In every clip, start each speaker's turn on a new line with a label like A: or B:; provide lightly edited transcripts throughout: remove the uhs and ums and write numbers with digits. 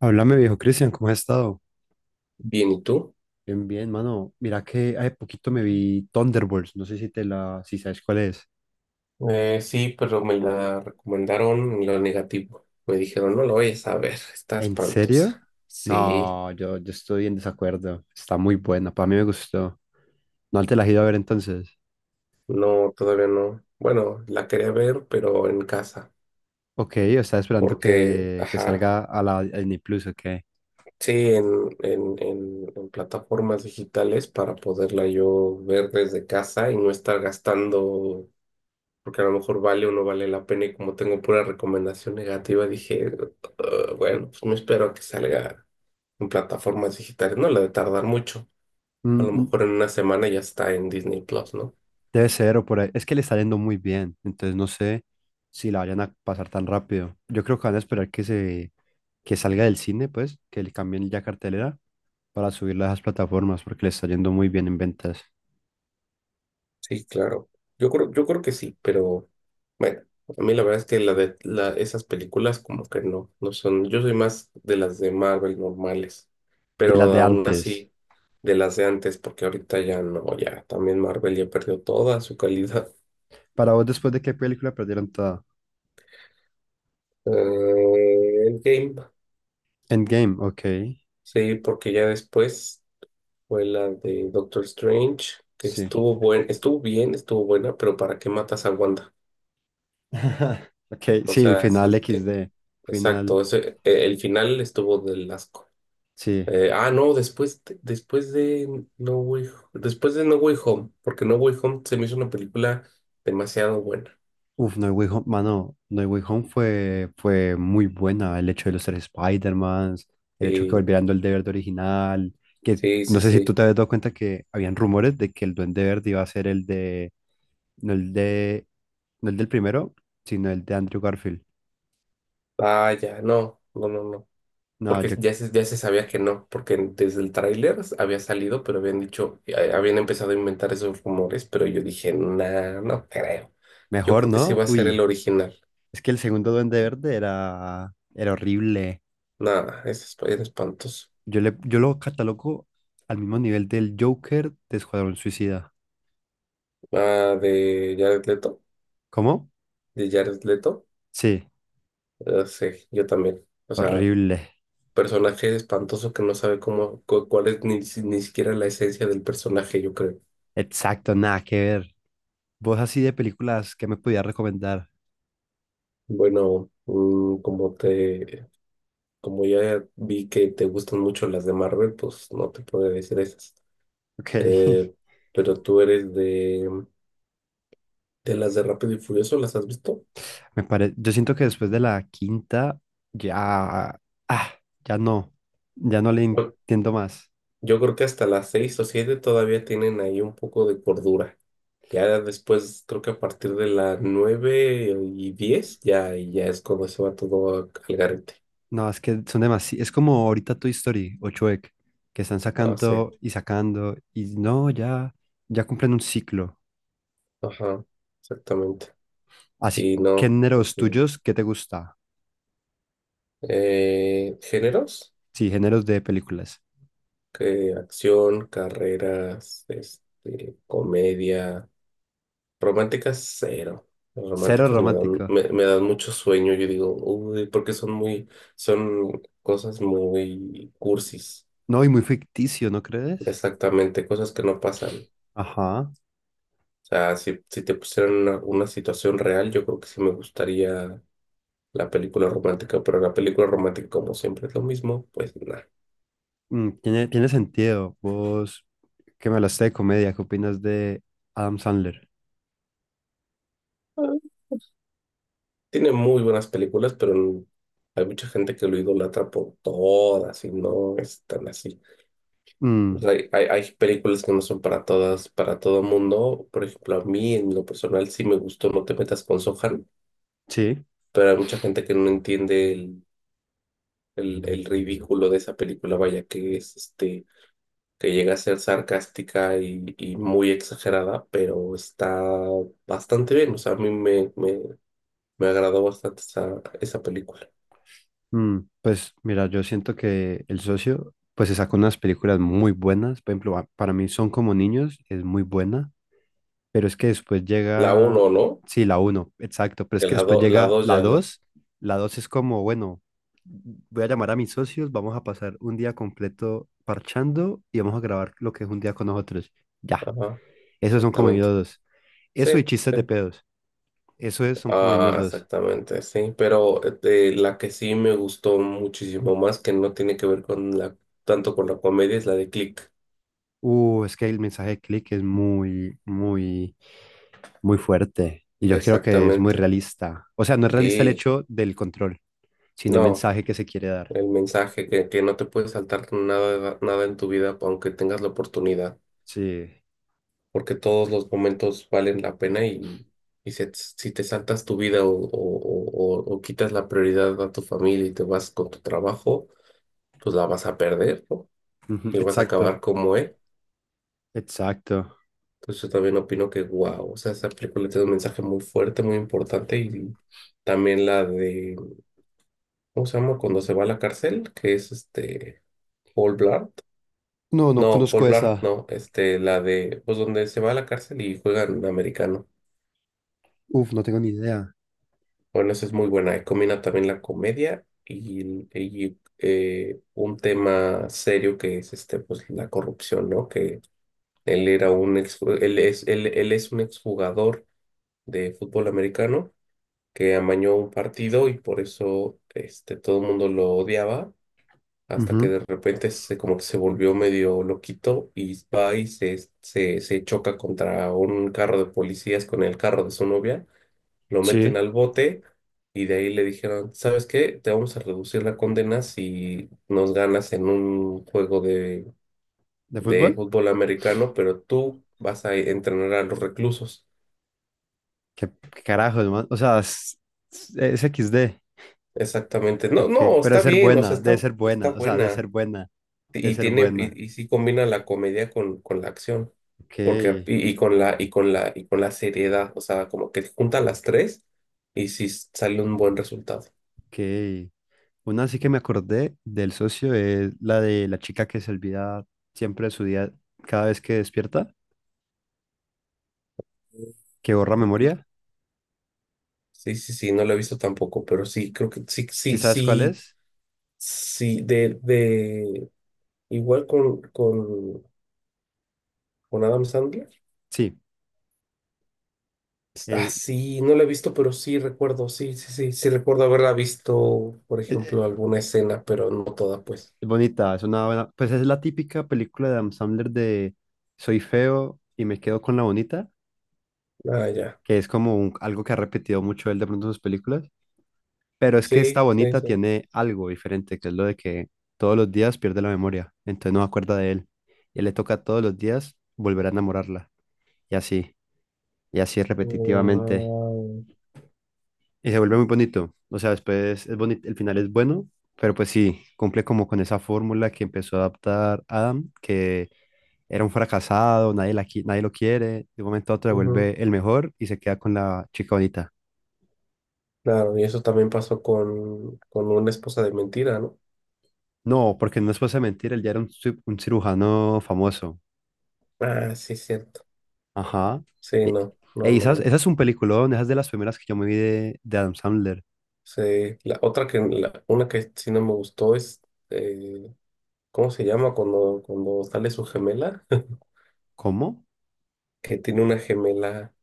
A: Háblame, viejo Cristian, ¿cómo has estado?
B: Bien, ¿y tú?
A: Bien, bien, mano. Mira que hace poquito me vi Thunderbolts, no sé si sabes cuál es.
B: Sí, pero me la recomendaron en lo negativo. Me dijeron, no lo vayas a ver, está
A: ¿En serio?
B: espantosa. Sí,
A: No, yo estoy en desacuerdo. Está muy buena, para mí me gustó. ¿No te la has ido a ver entonces?
B: no, todavía no. Bueno, la quería ver, pero en casa,
A: Ok, o estaba esperando
B: porque,
A: que
B: ajá,
A: salga a la a Disney Plus, ok.
B: sí, en plataformas digitales para poderla yo ver desde casa y no estar gastando, porque a lo mejor vale o no vale la pena y como tengo pura recomendación negativa, dije, "Ugh, bueno, pues me espero a que salga en plataformas digitales." No le debe tardar mucho. A
A: Mm,
B: lo
A: mm,
B: mejor en una semana ya está en Disney Plus, ¿no?
A: debe ser o por ahí. Es que le está yendo muy bien, entonces no sé si la vayan a pasar tan rápido. Yo creo que van a esperar que salga del cine, pues, que le cambien ya cartelera para subirla a esas plataformas porque le está yendo muy bien en ventas.
B: Sí, claro. Yo creo que sí, pero bueno, a mí la verdad es que esas películas como que no, no son. Yo soy más de las de Marvel normales,
A: De las
B: pero
A: de
B: aún
A: antes.
B: así de las de antes, porque ahorita ya no, ya también Marvel ya perdió toda su calidad.
A: Para vos, después de qué película perdieron toda.
B: Endgame,
A: Endgame, ok.
B: sí, porque ya después. Fue la de Doctor Strange, que
A: Sí.
B: estuvo bien, estuvo buena, pero ¿para qué matas a Wanda?
A: Ok,
B: O
A: sí,
B: sea,
A: final equis de Final,
B: exacto, el final estuvo del asco.
A: sí.
B: No, después, después de No Way Home, porque No Way Home se me hizo una película demasiado buena.
A: Uf, No Way Home, mano, No Way Home fue muy buena. El hecho de los tres Spider-Mans, el hecho que
B: Sí,
A: volvieran el Duende Verde original. Que
B: sí,
A: no
B: sí,
A: sé si tú
B: sí.
A: te habías dado cuenta que habían rumores de que el Duende Verde iba a ser el de. No el de. No el del primero, sino el de Andrew Garfield.
B: Vaya, no, no, no, no,
A: No,
B: porque
A: yo
B: ya se sabía que no, porque desde el tráiler había salido, pero habían empezado a inventar esos rumores, pero yo dije, nah, no creo. Yo
A: mejor
B: creo que sí
A: no.
B: va a ser el
A: Uy,
B: original.
A: es que el segundo Duende Verde era horrible.
B: Nada, es espantoso.
A: Yo lo catalogo al mismo nivel del Joker de Escuadrón Suicida.
B: Ah, de Jared Leto,
A: ¿Cómo?
B: de Jared Leto,
A: Sí,
B: sí, yo también. O sea,
A: horrible.
B: personaje espantoso que no sabe cómo, cuál es ni, ni siquiera la esencia del personaje, yo creo.
A: Exacto, nada que ver. Vos así de películas que me podías recomendar.
B: Bueno, como ya vi que te gustan mucho las de Marvel, pues no te podré decir esas.
A: Ok.
B: Eh, pero tú eres de las de Rápido y Furioso, ¿las has visto?
A: Me pare... Yo siento que después de la quinta ya... Ah, ya no. Ya no le
B: Yo,
A: entiendo más.
B: yo creo que hasta las seis o siete todavía tienen ahí un poco de cordura. Ya después, creo que a partir de las nueve y diez, ya, ya es cuando se va al garete.
A: No, es que son demasiado. Es como ahorita Toy Story o Shrek, que están
B: Ah, sí.
A: sacando y sacando, y no, ya, ya cumplen un ciclo.
B: Ajá, exactamente.
A: Así,
B: Y no,
A: géneros
B: porque.
A: tuyos, ¿qué te gusta?
B: ¿Géneros?
A: Sí, géneros de películas.
B: Que acción, carreras, este, comedia, románticas cero. Las
A: Cero
B: románticas me dan,
A: romántico.
B: me, me dan mucho sueño. Yo digo, uy, porque son cosas muy cursis.
A: No, y muy ficticio, ¿no crees?
B: Exactamente, cosas que no pasan. O
A: Ajá.
B: sea, si te pusieran una situación real, yo creo que sí me gustaría la película romántica, pero la película romántica, como siempre, es lo mismo, pues nada.
A: Mm, tiene sentido. Vos, que me hablaste de comedia, ¿qué opinas de Adam Sandler?
B: Tiene muy buenas películas, pero hay mucha gente que lo idolatra por todas y no es tan así. O sea,
A: Mm,
B: hay, hay películas que no son para todas, para todo mundo. Por ejemplo, a mí en lo personal sí me gustó No te metas con Sohan,
A: sí.
B: pero hay mucha gente que no entiende el ridículo de esa película, vaya, que es este, que llega a ser sarcástica y muy exagerada, pero está bastante bien. O sea, a mí me agradó bastante esa, esa película.
A: Mm, pues mira, yo siento que El Socio, pues se sacó unas películas muy buenas. Por ejemplo, para mí Son como niños, es muy buena, pero es que después
B: La
A: llega,
B: uno, ¿no?
A: sí, la uno, exacto, pero es que después
B: La
A: llega
B: dos
A: la
B: ya no.
A: dos. La dos es como, bueno, voy a llamar a mis socios, vamos a pasar un día completo parchando y vamos a grabar lo que es un día con nosotros. Ya,
B: Ajá,
A: esos son como
B: exactamente.
A: niños dos. Eso y
B: Sí,
A: chistes
B: sí.
A: de pedos. Eso es, son como niños
B: Ah,
A: dos.
B: exactamente, sí. Pero de la que sí me gustó muchísimo más, que no tiene que ver tanto con la comedia, es la de Click.
A: Es que el mensaje de click es muy... muy fuerte. Y yo creo que es muy
B: Exactamente.
A: realista. O sea, no es realista el
B: Sí.
A: hecho del control, sino el
B: No,
A: mensaje que se quiere dar.
B: el mensaje que no te puedes saltar nada, nada en tu vida, aunque tengas la oportunidad,
A: Sí.
B: porque todos los momentos valen la pena y, si te saltas tu vida o, o quitas la prioridad a tu familia y te vas con tu trabajo, pues la vas a perder, ¿no?
A: Ujú,
B: Y vas a
A: exacto,
B: acabar como él.
A: exacto.
B: Entonces yo también opino que, wow, o sea, esa película tiene un mensaje muy fuerte, muy importante. Y también la de, ¿cómo se llama? Cuando se va a la cárcel, que es este, Paul Blart.
A: No, no
B: No, Paul
A: conozco
B: Blart,
A: esa.
B: no, este, la de, pues donde se va a la cárcel y juegan americano.
A: Uf, no tengo ni idea.
B: Bueno, esa es muy buena. Y combina también la comedia y, un tema serio que es este, pues la corrupción, ¿no? Que él era un ex, él es un exjugador de fútbol americano que amañó un partido y por eso este, todo el mundo lo odiaba hasta que
A: Ujú,
B: de repente como que se volvió medio loquito y va y se choca contra un carro de policías con el carro de su novia, lo meten
A: sí.
B: al bote y de ahí le dijeron, ¿sabes qué? Te vamos a reducir la condena si nos ganas en un juego
A: ¿De fútbol?
B: de fútbol americano, pero tú vas a entrenar a los reclusos.
A: ¿Qué, qué carajo, hermano? O sea, es XD.
B: Exactamente. No,
A: Ok. Pero
B: no,
A: debe
B: está
A: ser
B: bien, o sea,
A: buena, debe
B: está,
A: ser
B: está
A: buena. O sea, debe ser
B: buena.
A: buena. Debe
B: Y
A: ser
B: tiene,
A: buena.
B: y sí combina la comedia con la acción.
A: Ok,
B: Porque, y con la seriedad. O sea, como que junta las tres y sí sale un buen resultado.
A: ok. Una sí que me acordé del socio es la de la chica que se olvida siempre de su día cada vez que despierta, que borra memoria.
B: Que- Sí, sí, sí, no lo he visto tampoco, pero sí, creo que sí,
A: ¿Sí
B: sí,
A: sabes cuál
B: sí,
A: es?
B: sí, igual con Adam Sandler.
A: Sí,
B: Ah,
A: eh,
B: sí, no la he visto, pero sí recuerdo, sí, sí, sí, sí recuerdo haberla visto, por
A: eh, eh,
B: ejemplo, alguna escena, pero no toda, pues.
A: es bonita, es una buena, pues es la típica película de Adam Sandler de soy feo y me quedo con la bonita,
B: Ah, ya.
A: que es como algo que ha repetido mucho él de pronto en sus películas, pero es que
B: Sí,
A: esta
B: sí,
A: bonita
B: sí.
A: tiene algo diferente, que es lo de que todos los días pierde la memoria, entonces no se acuerda de él y le toca todos los días volver a enamorarla y así. Y así repetitivamente.
B: Wow.
A: Y se vuelve muy bonito. O sea, después es bonito, el final es bueno, pero pues sí, cumple como con esa fórmula que empezó a adaptar Adam, que era un fracasado, nadie lo quiere, de un momento a otro se vuelve el mejor y se queda con la chica bonita.
B: Claro, y eso también pasó con una esposa de mentira, ¿no?
A: No, porque no es cosa de mentir, él ya era un cirujano famoso.
B: Ah, sí, cierto.
A: Ajá.
B: Sí,
A: E-
B: no, no, no, no.
A: esa es un peliculón, esa es de las primeras que yo me vi de Adam Sandler.
B: Sí, la otra una que sí no me gustó es, eh, ¿cómo se llama cuando sale su gemela?
A: ¿Cómo?
B: Que tiene una gemela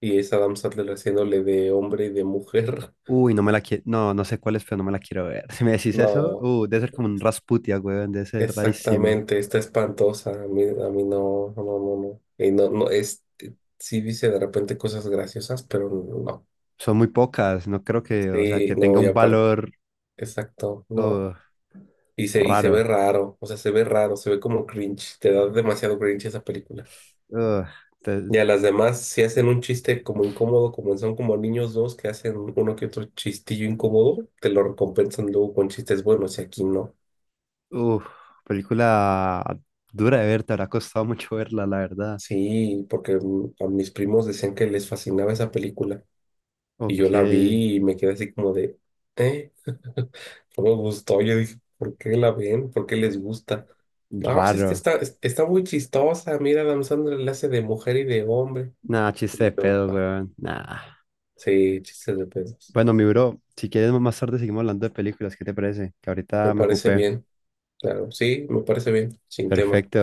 B: y es Adam Sandler haciéndole de hombre y de mujer.
A: Uy, no me la quiero. No, no sé cuál es, pero no me la quiero ver. Si me decís eso,
B: No,
A: debe ser como un Rasputia, weón, debe ser rarísimo.
B: exactamente, está espantosa. A mí no, no, no, no, no. Y no, no, sí dice de repente cosas graciosas, pero no.
A: Son muy pocas, no creo que, o sea,
B: Sí,
A: que tenga
B: no, y
A: un
B: aparte,
A: valor
B: exacto, no.
A: uh,
B: Y se ve
A: raro.
B: raro, o sea, se ve raro, se ve como cringe, te da demasiado cringe esa película.
A: Uh, te-
B: Y a las demás sí hacen un chiste como incómodo, como Son como niños 2 que hacen uno que otro chistillo incómodo, te lo recompensan luego con chistes buenos y aquí no.
A: uh, película dura de ver, te habrá costado mucho verla, la verdad.
B: Sí, porque a mis primos decían que les fascinaba esa película y
A: Ok,
B: yo la vi y me quedé así como de, ¿eh? No me gustó. Yo dije, ¿por qué la ven? ¿Por qué les gusta? No, pues es que
A: raro.
B: está, está muy chistosa. Mira, Adam Sandler la hace de mujer y de hombre.
A: Nah, chiste
B: Y
A: de
B: yo,
A: pedo,
B: "Ah,
A: weón. Nah.
B: sí, chistes de pedos."
A: Bueno, mi bro, si quieres más tarde seguimos hablando de películas, ¿qué te parece? Que ahorita
B: Me
A: me
B: parece
A: ocupé.
B: bien, claro, sí, me parece bien, sin tema.
A: Perfecto.